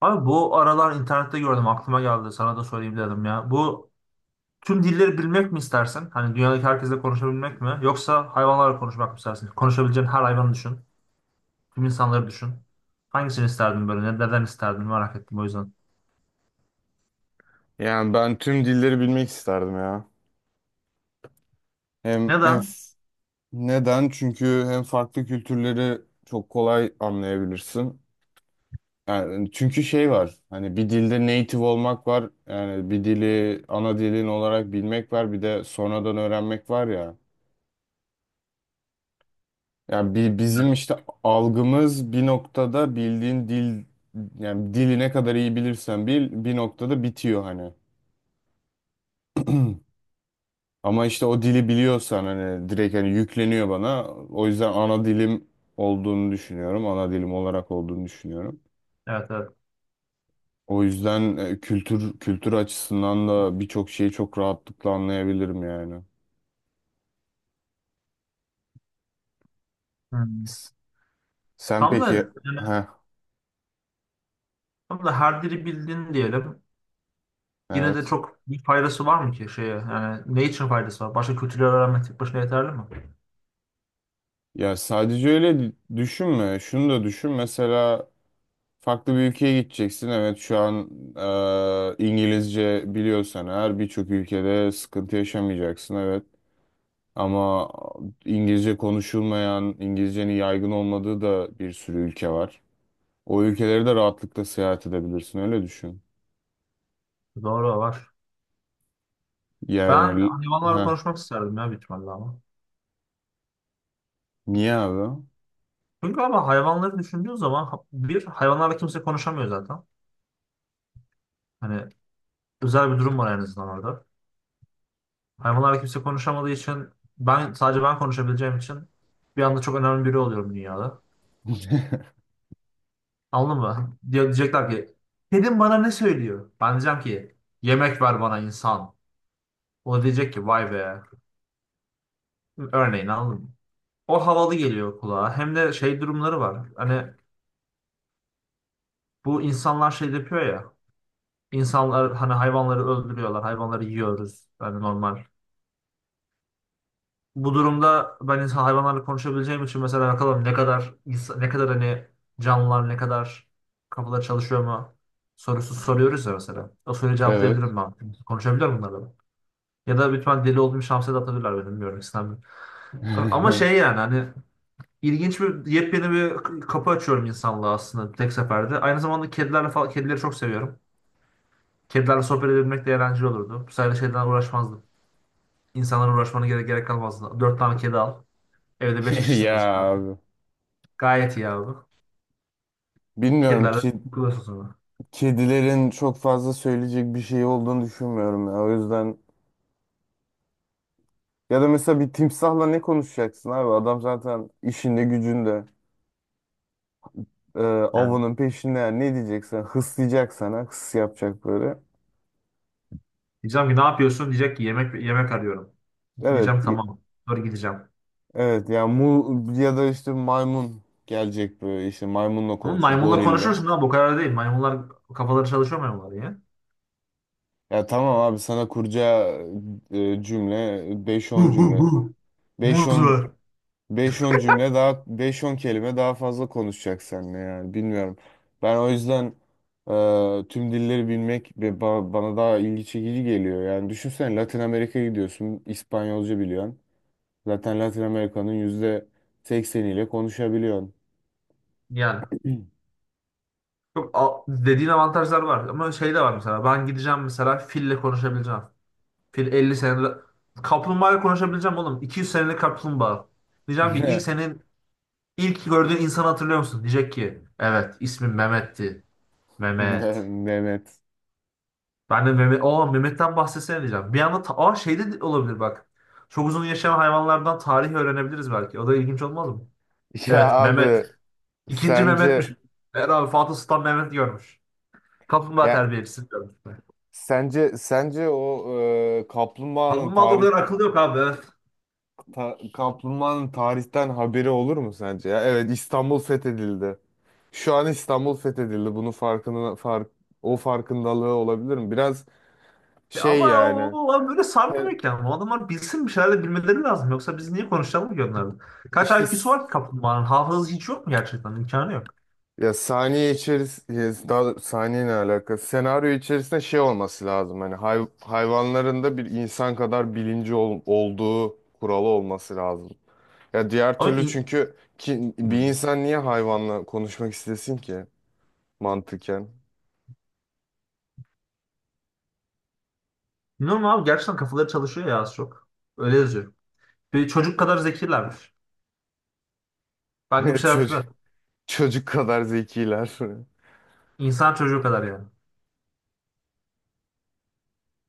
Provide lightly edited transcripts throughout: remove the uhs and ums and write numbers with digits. Abi, bu aralar internette gördüm, aklıma geldi sana da söyleyeyim dedim ya. Bu tüm dilleri bilmek mi istersin? Hani dünyadaki herkesle konuşabilmek mi? Yoksa hayvanlarla konuşmak mı istersin? Konuşabileceğin her hayvanı düşün. Tüm insanları düşün. Hangisini isterdin böyle? Neden isterdin? Merak ettim, o yüzden. Yani ben tüm dilleri bilmek isterdim ya. Hem, hem Neden? f- neden? Çünkü hem farklı kültürleri çok kolay anlayabilirsin. Yani hani, çünkü şey var. Hani bir dilde native olmak var. Yani bir dili ana dilin olarak bilmek var. Bir de sonradan öğrenmek var ya. Yani Evet. bizim işte algımız bir noktada bildiğin dil, yani dili ne kadar iyi bilirsen bil bir noktada bitiyor hani. Ama işte o dili biliyorsan hani direkt hani yükleniyor bana. O yüzden ana dilim olduğunu düşünüyorum. Ana dilim olarak olduğunu düşünüyorum. Evet, evet. O yüzden kültür açısından da birçok şeyi çok rahatlıkla anlayabilirim yani. Hmm. S- Sen Tam da, peki yani, heh, tam da her dili bildin diyelim. Yine de evet. çok bir faydası var mı ki şeye? Yani ne için faydası var? Başka kültürleri öğrenmek tek başına yeterli mi? Ya sadece öyle düşünme. Şunu da düşün. Mesela farklı bir ülkeye gideceksin. Evet, şu an İngilizce biliyorsan eğer birçok ülkede sıkıntı yaşamayacaksın. Evet. Ama İngilizce konuşulmayan, İngilizcenin yaygın olmadığı da bir sürü ülke var. O ülkeleri de rahatlıkla seyahat edebilirsin, öyle düşün. Doğru var. Ben Yani, hayvanlarla ha, konuşmak isterdim ya, büyük ihtimalle ama. niye abi? Çünkü ama hayvanları düşündüğün zaman bir hayvanlarla kimse konuşamıyor zaten. Hani özel bir durum var en azından orada. Hayvanlarla kimse konuşamadığı için, ben sadece ben konuşabileceğim için, bir anda çok önemli biri oluyorum dünyada. Anladın mı? Hani diyecekler ki kedim bana ne söylüyor? Ben diyeceğim ki yemek ver bana insan. O da diyecek ki vay be. Örneğin, anladın mı? O havalı geliyor kulağa. Hem de şey durumları var. Hani bu insanlar şey yapıyor ya. İnsanlar hani hayvanları öldürüyorlar. Hayvanları yiyoruz. Yani normal. Bu durumda ben insan hayvanlarla konuşabileceğim için mesela bakalım ne kadar hani canlılar, ne kadar kafaları çalışıyor mu sorusu soruyoruz ya mesela. O soruyu Evet. cevaplayabilirim ben. Konuşabilir miyim bunlarla ben? Ya da lütfen deli olduğum şamsa da atabilirler beni, bilmiyorum, istemiyorum. Ama şey, yani hani, ilginç bir yepyeni bir kapı açıyorum insanlığa aslında tek seferde. Aynı zamanda kedilerle falan, kedileri çok seviyorum. Kedilerle sohbet edebilmek de eğlenceli olurdu. Bu sayede şeyden uğraşmazdım. İnsanlara uğraşmana gerek kalmazdı. Dört tane kedi al. Evde beş Ya kişisiniz. abi. Gayet iyi abi. Bilmiyorum Kedilerle ki takılıyorsun sonra. kedilerin çok fazla söyleyecek bir şey olduğunu düşünmüyorum ya. O yüzden ya da mesela bir timsahla ne konuşacaksın abi? Adam zaten işinde gücünde Yani avının peşinde, yani ne diyeceksen hıslayacak sana, hıs yapacak böyle. diyeceğim ki ne yapıyorsun? Diyecek ki yemek yemek arıyorum. Evet. Diyeceğim tamam. Sonra gideceğim. Evet, ya mu ya da işte maymun gelecek, böyle işte maymunla Ama konuşuyor maymunla gorille. konuşursun abi, o kadar değil. Maymunlar, kafaları çalışıyor maymunlar ya. Ya tamam abi, sana kuracağı cümle beş Hu on hu cümle. hu. beş Muz on ver. beş on cümle daha, beş on kelime daha fazla konuşacak seninle, yani bilmiyorum. Ben o yüzden tüm dilleri bilmek bana daha ilgi çekici geliyor. Yani düşünsene, Latin Amerika'ya gidiyorsun, İspanyolca biliyorsun. Zaten Latin Amerika'nın %80'iyle konuşabiliyorsun. Yani çok dediğin avantajlar var ama şey de var, mesela ben gideceğim, mesela fille konuşabileceğim. Fil 50 senelik kaplumbağayla konuşabileceğim oğlum. 200 senelik kaplumbağa. Diyeceğim ki senin ilk gördüğün insanı hatırlıyor musun? Diyecek ki evet, ismim Mehmet'ti. Mehmet. Mehmet. Ben de Mehmet, Mehmet'ten bahsetsene diyeceğim. Bir anda şey de olabilir bak. Çok uzun yaşayan hayvanlardan tarih öğrenebiliriz belki. O da ilginç olmaz mı? Ya Evet Mehmet. abi, İkinci Mehmet'miş. sence Her abi Fatih Sultan Mehmet görmüş. Kaplumbağa ya terbiyecisi görmüş. O e, kaplumbağanın Kaplumbağa da o tarih kadar akıllı yok abi. Evet. Kaplumbağanın tarihten haberi olur mu sence? Ya evet, İstanbul fethedildi. Şu an İstanbul fethedildi. Bunun farkına fark o farkındalığı olabilir mi? Biraz Ya şey ama o, yani. o adam böyle Sen- sarmıyor ki ama. O adamlar bilsin, bir şeyler de bilmeleri lazım. Yoksa biz niye konuşalım ki onlarla? Kaç İşte. IQ'su var ki kaplumbağanın? Hafızası hiç yok mu gerçekten? İmkanı yok. Ya, saniye içerisinde, daha doğrusu saniye ne alaka? Senaryo içerisinde şey olması lazım. Hani hayvanların da bir insan kadar bilinci olduğu kuralı olması lazım. Ya diğer Ama türlü, in... çünkü ki, bir Hmm. insan niye hayvanla konuşmak istesin ki mantıken? Bilmiyorum abi, gerçekten kafaları çalışıyor ya az çok. Öyle yazıyor. Ve çocuk kadar zekilermiş. Belki bir şey Çocuk hatırlar. çocuk kadar zekiler. İnsan çocuğu kadar yani.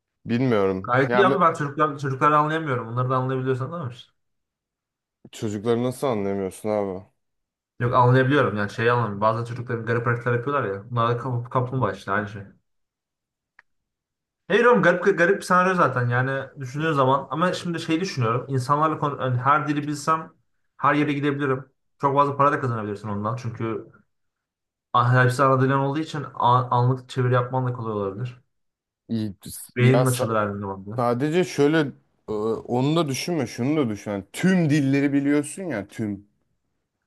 Bilmiyorum. Gayet Ya iyi abi. mü- Ben çocukları anlayamıyorum. Onları da anlayabiliyorsan anlamış. çocukları nasıl anlamıyorsun abi? Yok, anlayabiliyorum, yani şeyi anlamıyorum. Bazen çocukların garip hareketler yapıyorlar ya. Bunlar da kaplumbağa işte, aynı şey. Hayır oğlum, garip bir senaryo zaten yani düşündüğün zaman. Ama şimdi şey düşünüyorum. İnsanlarla konu, yani her dili bilsem her yere gidebilirim. Çok fazla para da kazanabilirsin ondan. Çünkü hepsi ana dilin olduğu için anlık çeviri yapman da kolay olabilir. İyi, ya Beynin sa- açılır her zaman. sadece şöyle onu da düşünme, şunu da düşün. Yani tüm dilleri biliyorsun ya, tüm.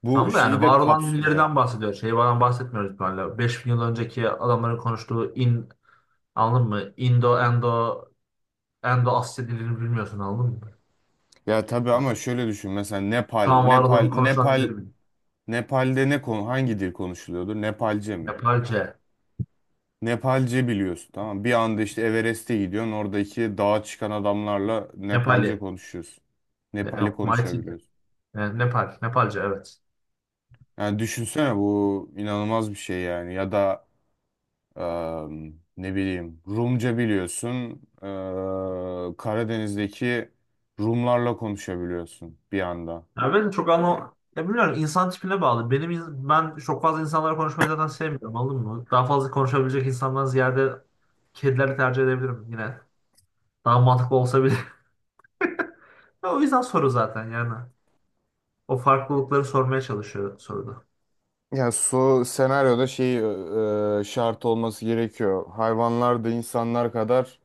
Bu Tam da şeyi yani de var olan kapsıyor. dillerden bahsediyor. Şey falan bahsetmiyoruz böyle. 5 bin yıl önceki adamların konuştuğu anladın mı? Endo Asya dilini bilmiyorsun, anladın mı? Ya tabii, ama şöyle düşün, mesela Şu an var olan konuşulan dilleri bil. Nepal'de ne konu hangi dil konuşuluyordur? Nepalce mi? Nepalce, Nepalce biliyorsun, tamam mı? Bir anda işte Everest'e gidiyorsun. Oradaki dağa çıkan adamlarla Nepali, Nepalce konuşuyorsun. ne, Nepali yok, Maiti de. konuşabiliyorsun. Nepal, Nepalce, evet. Yani düşünsene, bu inanılmaz bir şey yani. Ya da ne bileyim Rumca biliyorsun. Karadeniz'deki Rumlarla konuşabiliyorsun bir anda. Ya ben çok anlam, ya bilmiyorum, insan tipine bağlı. Benim ben çok fazla insanlarla konuşmayı zaten sevmiyorum, anladın mı? Daha fazla konuşabilecek insandan ziyade kedileri tercih edebilirim yine. Daha mantıklı olsa. O yüzden soru zaten yani. O farklılıkları sormaya çalışıyor soruda. Yani su senaryoda şey şart olması gerekiyor. Hayvanlar da insanlar kadar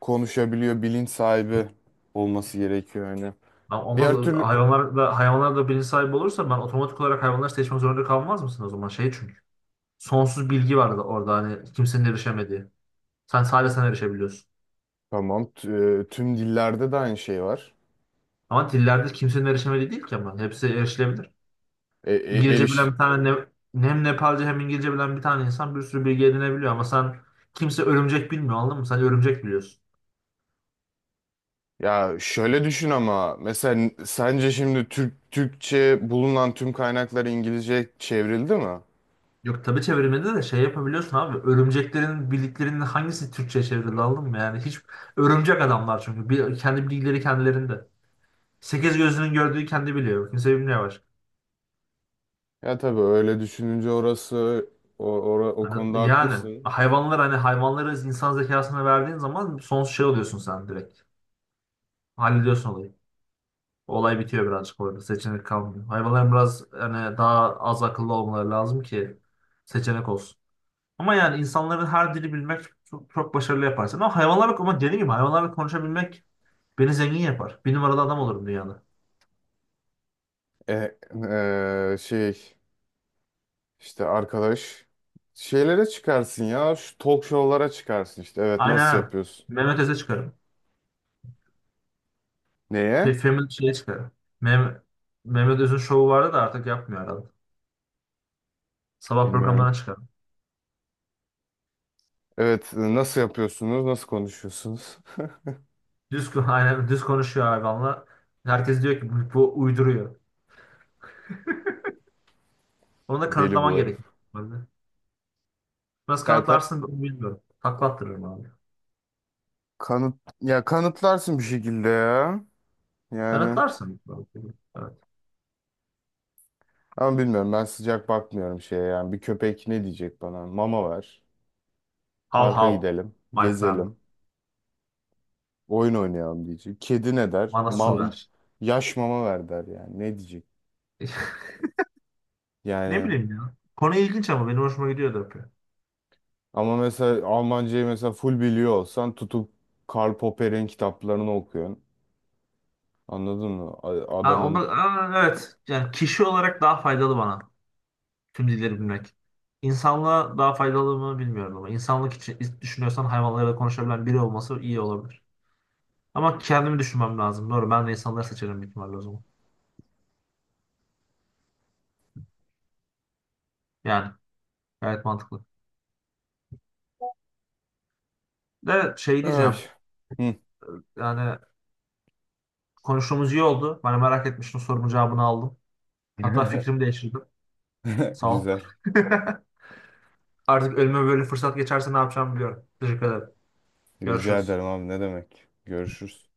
konuşabiliyor, bilinç sahibi olması gerekiyor yani. Ama olmaz, Diğer türlü hayvanlarla bilinç sahibi olursa ben otomatik olarak hayvanları seçmek zorunda kalmaz mısın o zaman? Şey çünkü. Sonsuz bilgi var da orada hani kimsenin erişemediği. Sen sadece sen erişebiliyorsun. tamam, tüm dillerde de aynı şey var. Ama dillerde kimsenin erişemediği değil ki ama. Hepsi erişilebilir. E, e, İngilizce eriş bilen bir tane, ne, hem Nepalce hem İngilizce bilen bir tane insan bir sürü bilgi edinebiliyor, ama sen, kimse örümcek bilmiyor, anladın mı? Sen örümcek biliyorsun. ya şöyle düşün ama, mesela sence şimdi Türkçe bulunan tüm kaynaklar İngilizce çevrildi mi? Yok tabii, çevirmede de şey yapabiliyorsun abi. Örümceklerin bildiklerinin hangisi Türkçe çevrildi, anladın mı? Yani hiç, örümcek adamlar çünkü. Bir, kendi bilgileri kendilerinde. Sekiz gözünün gördüğü kendi biliyor. Kimse bilmiyor başka. Ya tabii, öyle düşününce o Hani, konuda yani haklısın. hayvanlar hani hayvanları insan zekasına verdiğin zaman sonsuz şey oluyorsun sen direkt. Hallediyorsun olayı. Olay bitiyor birazcık orada. Seçenek kalmıyor. Hayvanların biraz hani daha az akıllı olmaları lazım ki seçenek olsun. Ama yani insanların her dili bilmek çok, çok başarılı yaparsın. Ama hayvanlarla, ama dediğim gibi hayvanlarla konuşabilmek beni zengin yapar. Bir numaralı adam olurum dünyada. E, e, şey İşte arkadaş, şeylere çıkarsın ya, şu talk show'lara çıkarsın işte, evet, nasıl Aynen. yapıyorsun? Mehmet Öz'e çıkarım. Neye? Femin şeye çıkarım. Mehmet, Mehmet Öz'ün şovu vardı da artık yapmıyor herhalde. Sabah Bilmiyorum. programlarına çıkarım. Evet, nasıl yapıyorsunuz? Nasıl konuşuyorsunuz? Düz, aynen, düz konuşuyor hayvanla. Herkes diyor ki bu uyduruyor. Onu da Deli kanıtlaman bu herif. gerekiyor. Normalde. Nasıl Ya ta- kanıtlarsın ben bilmiyorum. Takla attırırım abi. kanıt ya kanıtlarsın bir şekilde ya. Yani, Kanıtlarsın. Evet. ama bilmiyorum, ben sıcak bakmıyorum şeye yani, bir köpek ne diyecek bana? Mama ver. Hav Parka hav. gidelim, My friend. gezelim, oyun oynayalım diyecek. Kedi ne der? Bana su ver. Yaş mama ver der yani. Ne diyecek? Ne Yani. bileyim ya. Konu ilginç ama benim hoşuma gidiyor da yapıyor. Ama mesela Almancayı mesela full biliyor olsan tutup Karl Popper'in kitaplarını okuyorsun. Anladın mı? Ha, onda, Adamın... evet. Yani kişi olarak daha faydalı bana tüm dilleri bilmek. İnsanlığa daha faydalı mı bilmiyorum, ama insanlık için düşünüyorsan hayvanlarla konuşabilen biri olması iyi olabilir. Ama kendimi düşünmem lazım. Doğru, ben de insanları seçerim büyük ihtimalle o zaman. Yani gayet mantıklı. De şey Ay. diyeceğim. Hı. Yani konuştuğumuz iyi oldu. Ben merak etmiştim, sorumun cevabını aldım. Hatta fikrimi değiştirdim. Sağ ol. Güzel. Artık ölüme böyle fırsat geçerse ne yapacağımı biliyorum. Teşekkür ederim. Rica Görüşürüz. ederim abi, ne demek. Görüşürüz.